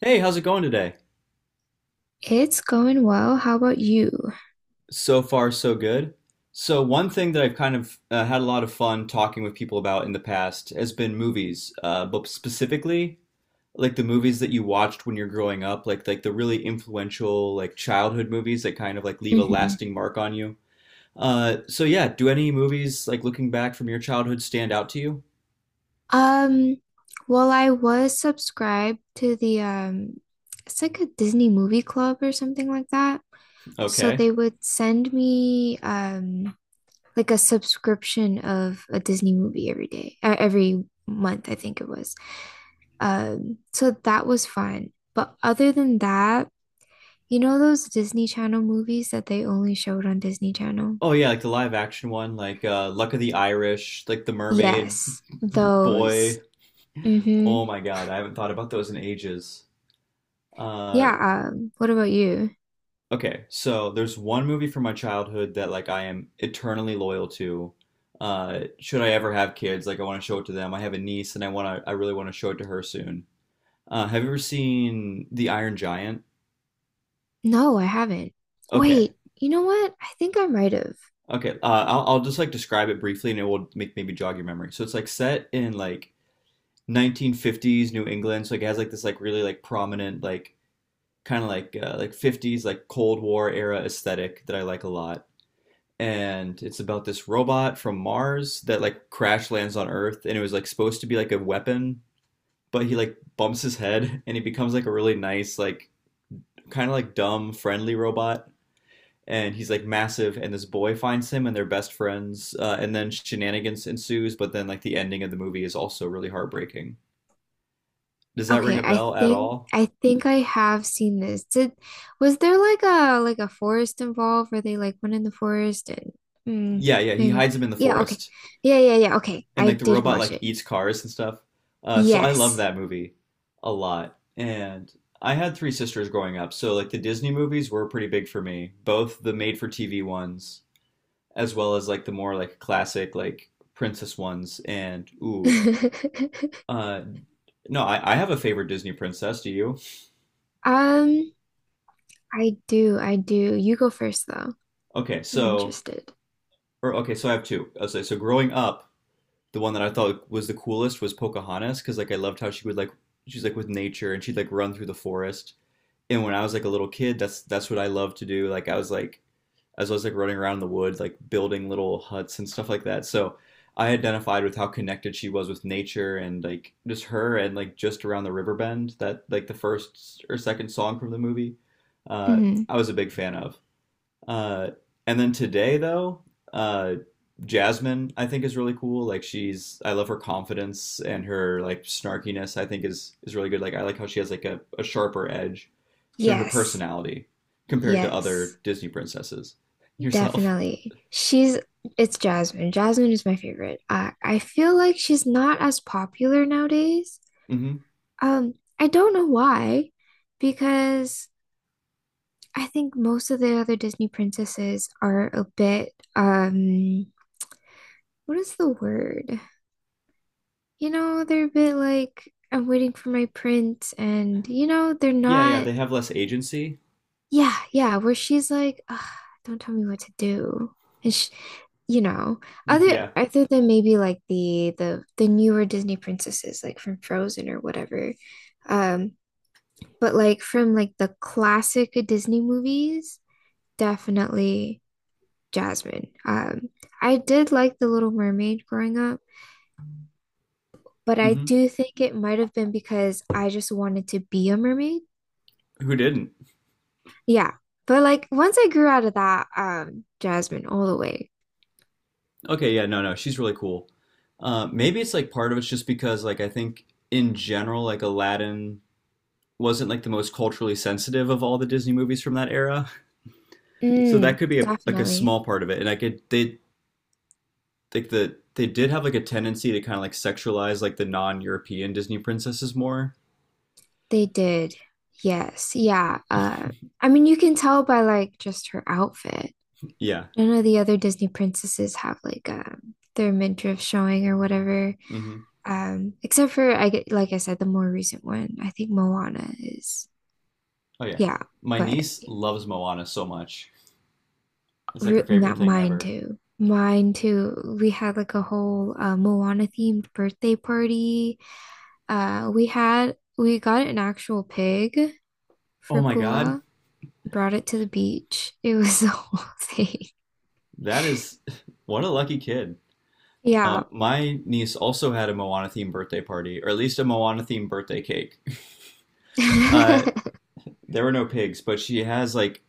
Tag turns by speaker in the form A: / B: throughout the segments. A: Hey, how's it going today?
B: It's going well. How about you?
A: So far, so good. So, one thing that I've kind of had a lot of fun talking with people about in the past has been movies, but specifically like the movies that you watched when you're growing up, like the really influential like childhood movies that kind of like leave a
B: Hmm.
A: lasting mark on you. So yeah, do any movies like looking back from your childhood stand out to you?
B: Um, well, I was subscribed to the it's like a Disney movie club or something like that. So
A: Okay.
B: they would send me like a subscription of a Disney movie every day, every month, I think it was. So that was fun. But other than that, you know those Disney Channel movies that they only showed on Disney Channel?
A: Oh yeah, like the live action one, like Luck of the Irish, like The Mermaid.
B: Yes, those.
A: Boy. Oh
B: Mm-hmm.
A: my God, I haven't thought about those in ages. Uh,
B: Yeah, what about you?
A: okay, so there's one movie from my childhood that like I am eternally loyal to. Should I ever have kids, like I want to show it to them. I have a niece and I really want to show it to her soon. Have you ever seen The Iron Giant?
B: No, I haven't.
A: Okay.
B: Wait, you know what? I think I might have.
A: Okay. I'll just like describe it briefly and it will make maybe jog your memory. So it's like set in like 1950s New England, so like it has like this like really like prominent like kind of like 50s like Cold War era aesthetic that I like a lot. And it's about this robot from Mars that like crash lands on Earth and it was like supposed to be like a weapon, but he like bumps his head and he becomes like a really nice like kind of like dumb friendly robot and he's like massive and this boy finds him and they're best friends, and then shenanigans ensues but then like the ending of the movie is also really heartbreaking. Does that ring
B: Okay,
A: a
B: I
A: bell at
B: think
A: all?
B: I think I have seen this. Did was there like a forest involved where they like went in the forest and
A: Yeah, yeah, he
B: maybe
A: hides him in the
B: yeah, okay.
A: forest
B: Yeah, yeah, yeah, okay.
A: and
B: I
A: like the
B: did
A: robot
B: watch
A: like
B: it.
A: eats cars and stuff. So I love
B: Yes.
A: that movie a lot. And I had three sisters growing up, so like the Disney movies were pretty big for me, both the made-for-TV ones as well as like the more like classic like princess ones. And ooh, uh, no, I have a favorite Disney princess. Do you?
B: Um, I do, I do. You go first though.
A: Okay,
B: I'm
A: so
B: interested.
A: okay, so I have two. I say so growing up, the one that I thought was the coolest was Pocahontas because like I loved how she would like she's like with nature and she'd like run through the forest and when I was like a little kid, that's what I loved to do. Like I was like as I was like running around in the woods, like building little huts and stuff like that. So I identified with how connected she was with nature and like just her and like just around the river bend that like the first or second song from the movie. Uh,
B: Hmm.
A: I was a big fan of. Uh, and then today though, uh, Jasmine I think is really cool. Like she's I love her confidence and her like snarkiness. I think is really good. Like I like how she has like a sharper edge to her
B: Yes.
A: personality compared to
B: Yes.
A: other Disney princesses. Yourself.
B: Definitely. She's it's Jasmine. Jasmine is my favorite. I feel like she's not as popular nowadays.
A: Hmm.
B: Um, I don't know why, because I think most of the other Disney princesses are a bit what is the word? You know, they're a bit like I'm waiting for my prince and you know, they're
A: Yeah, yeah,
B: not.
A: they have less agency.
B: Yeah, yeah, where she's like, ugh, don't tell me what to do. And she, you know, other
A: Yeah.
B: other than maybe like the newer Disney princesses like from Frozen or whatever. Um, but like from like the classic Disney movies, definitely Jasmine. I did like The Little Mermaid growing up, but I
A: Hmm.
B: do think it might have been because I just wanted to be a mermaid.
A: Who didn't?
B: Yeah. But like once I grew out of that, Jasmine all the way.
A: Okay, yeah, no, no, she's really cool. Maybe it's like part of it's just because like I think in general like Aladdin wasn't like the most culturally sensitive of all the Disney movies from that era. So that
B: Mm,
A: could be a like a
B: definitely.
A: small part of it. And I could they like the they did have like a tendency to kind of like sexualize like the non-European Disney princesses more.
B: They did. Yes. Yeah. I mean, you can tell by like just her outfit.
A: Yeah.
B: None of the other Disney princesses have like their midriff showing or whatever.
A: Hmm.
B: Except for I get like I said, the more recent one. I think Moana is.
A: Oh yeah.
B: Yeah,
A: My
B: but
A: niece loves Moana so much. It's like
B: re
A: her favorite
B: not
A: thing
B: mine
A: ever.
B: too. Mine too. We had like a whole Moana themed birthday party. We got an actual pig
A: Oh
B: for
A: my God.
B: Pua, brought it to the beach. It was the whole thing.
A: That is what a lucky kid. Uh,
B: Yeah.
A: my niece also had a Moana themed birthday party, or at least a Moana themed birthday cake. Uh, there were no pigs, but she has like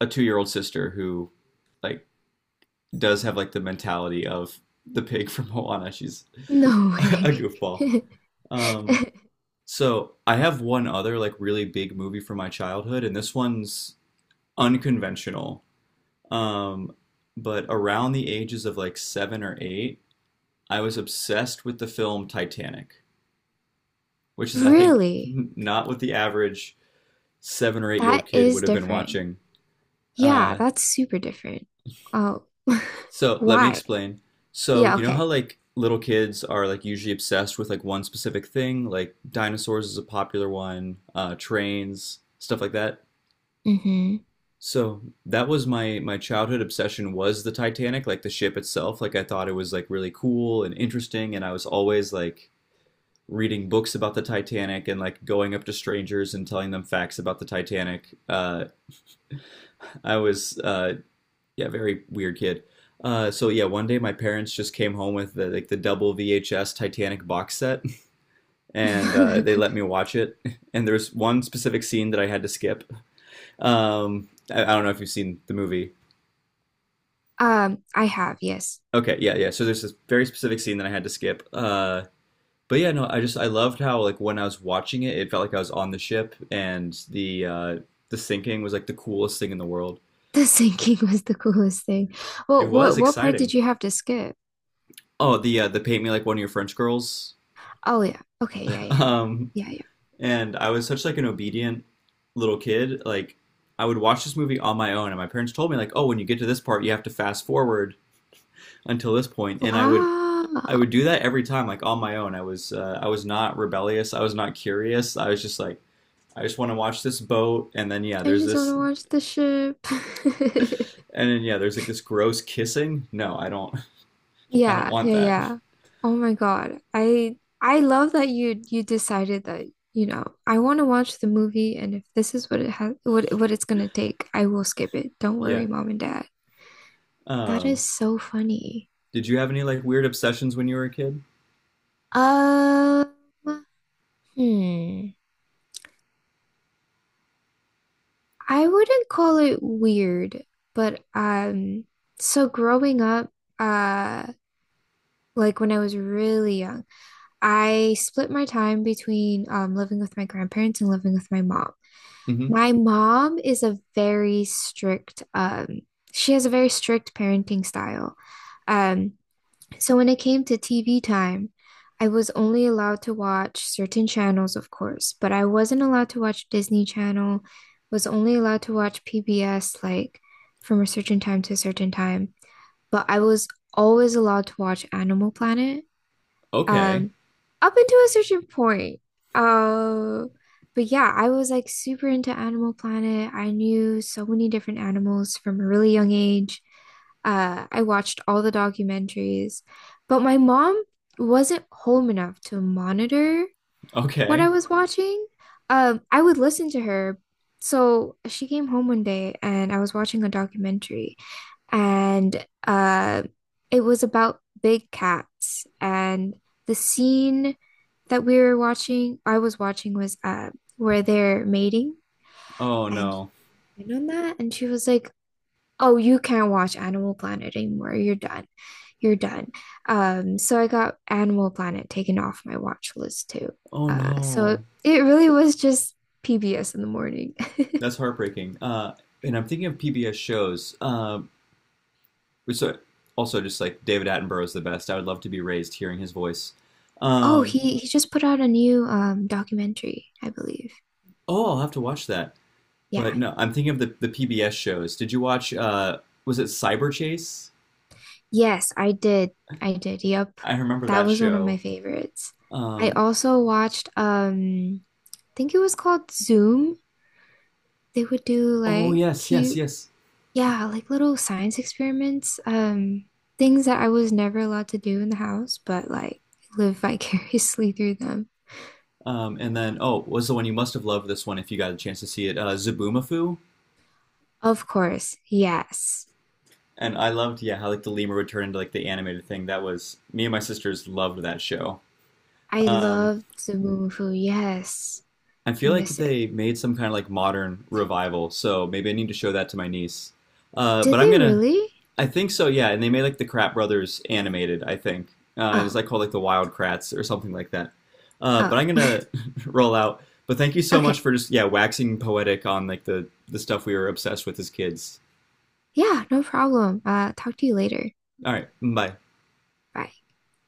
A: a 2-year old sister who like does have like the mentality of the pig from Moana. She's
B: No
A: a
B: way.
A: goofball. Um, so I have one other like really big movie from my childhood, and this one's unconventional. Um, but around the ages of like 7 or 8, I was obsessed with the film Titanic, which is, I think,
B: Really?
A: not what the average 7 or 8 year old
B: That
A: kid
B: is
A: would have been
B: different.
A: watching.
B: Yeah,
A: Uh,
B: that's super different. Oh,
A: so let me
B: why?
A: explain. So,
B: Yeah,
A: you know how
B: okay.
A: like little kids are like usually obsessed with like one specific thing, like dinosaurs is a popular one, trains, stuff like that?
B: Hmm.
A: So that was my childhood obsession was the Titanic, like the ship itself. Like I thought it was like really cool and interesting, and I was always like reading books about the Titanic and like going up to strangers and telling them facts about the Titanic. I was yeah, very weird kid. So yeah, one day my parents just came home with the, like the double VHS Titanic box set, and they let me watch it. And there's one specific scene that I had to skip. I don't know if you've seen the movie.
B: I have, yes.
A: Okay, yeah, yeah. So there's this very specific scene that I had to skip. But yeah, no, I just I loved how like when I was watching it, it felt like I was on the ship, and the the sinking was like the coolest thing in the world.
B: The sinking was the coolest thing.
A: It
B: Well,
A: was
B: what part did
A: exciting.
B: you have to skip?
A: Oh, the the paint me like one of your French girls.
B: Oh yeah. Okay, yeah, yeah, yeah.
A: Um,
B: Yeah, yeah.
A: and I was such like an obedient little kid. Like I would watch this movie on my own, and my parents told me like, oh, when you get to this part, you have to fast forward until this point, and I would I
B: Wow.
A: would do that every time, like on my own. I was not rebellious. I was not curious. I was just like, I just want to watch this boat. And then yeah,
B: I
A: there's
B: just want
A: this,
B: to
A: and
B: watch the ship.
A: then yeah, there's like this gross kissing. No, I don't. I don't
B: Yeah,
A: want
B: yeah,
A: that.
B: yeah. Oh my God. I love that you decided that, you know, I want to watch the movie and if this is what it has what it's gonna take, I will skip it. Don't
A: Yeah.
B: worry, Mom and Dad. That is
A: Um,
B: so funny.
A: did you have any like weird obsessions when you were a kid?
B: Um, hmm. I wouldn't call it weird, but so growing up, uh, like when I was really young, I split my time between living with my grandparents and living with my mom.
A: Mm-hmm.
B: My mom is a very strict, she has a very strict parenting style. Um, so when it came to TV time, I was only allowed to watch certain channels, of course, but I wasn't allowed to watch Disney Channel, was only allowed to watch PBS like from a certain time to a certain time. But I was always allowed to watch Animal Planet
A: Okay.
B: um up until a certain point. Uh, but yeah, I was like super into Animal Planet. I knew so many different animals from a really young age. I watched all the documentaries, but my mom wasn't home enough to monitor what I
A: Okay.
B: was watching. I would listen to her. So she came home one day and I was watching a documentary and it was about big cats. And the scene that I was watching, was where they're mating,
A: Oh
B: and
A: no.
B: you know that, and she was like, "Oh, you can't watch Animal Planet anymore. You're done. You're done." So I got Animal Planet taken off my watch list too.
A: Oh
B: So
A: no.
B: it really was just PBS in the morning.
A: That's heartbreaking. And I'm thinking of PBS shows. So also just like David Attenborough is the best. I would love to be raised hearing his voice.
B: Oh,
A: Um,
B: he just put out a new documentary, I believe.
A: Oh, I'll have to watch that.
B: Yeah.
A: But no, I'm thinking of the PBS shows. Did you watch was it Cyber Chase?
B: Yes, I did. I did. Yep.
A: I remember
B: That
A: that
B: was one of my
A: show.
B: favorites. I
A: Um
B: also watched I think it was called Zoom. They would do
A: oh
B: like
A: yes, yes,
B: cute,
A: yes.
B: yeah, like little science experiments, things that I was never allowed to do in the house, but like live vicariously through them.
A: And then oh, was the one you must have loved this one if you got a chance to see it, Zaboomafoo.
B: Of course. Yes.
A: And I loved yeah, how like the lemur would turn into like the animated thing. That was me and my sisters loved that show.
B: I
A: Um
B: loved the Moo Moo Fu. Yes.
A: I
B: I
A: feel like
B: miss it.
A: they made some kind of like modern revival, so maybe I need to show that to my niece. But
B: Did
A: I'm
B: they
A: gonna
B: really?
A: I think so, yeah. And they made like the Krat Brothers animated, I think. It is
B: Oh.
A: like called like the Wild Krats or something like that. Uh,
B: Oh.
A: but I'm gonna roll out. But thank you so much
B: Okay.
A: for just yeah waxing poetic on like the stuff we were obsessed with as kids.
B: Yeah, no problem. Talk to you later.
A: All right, bye.
B: Bye.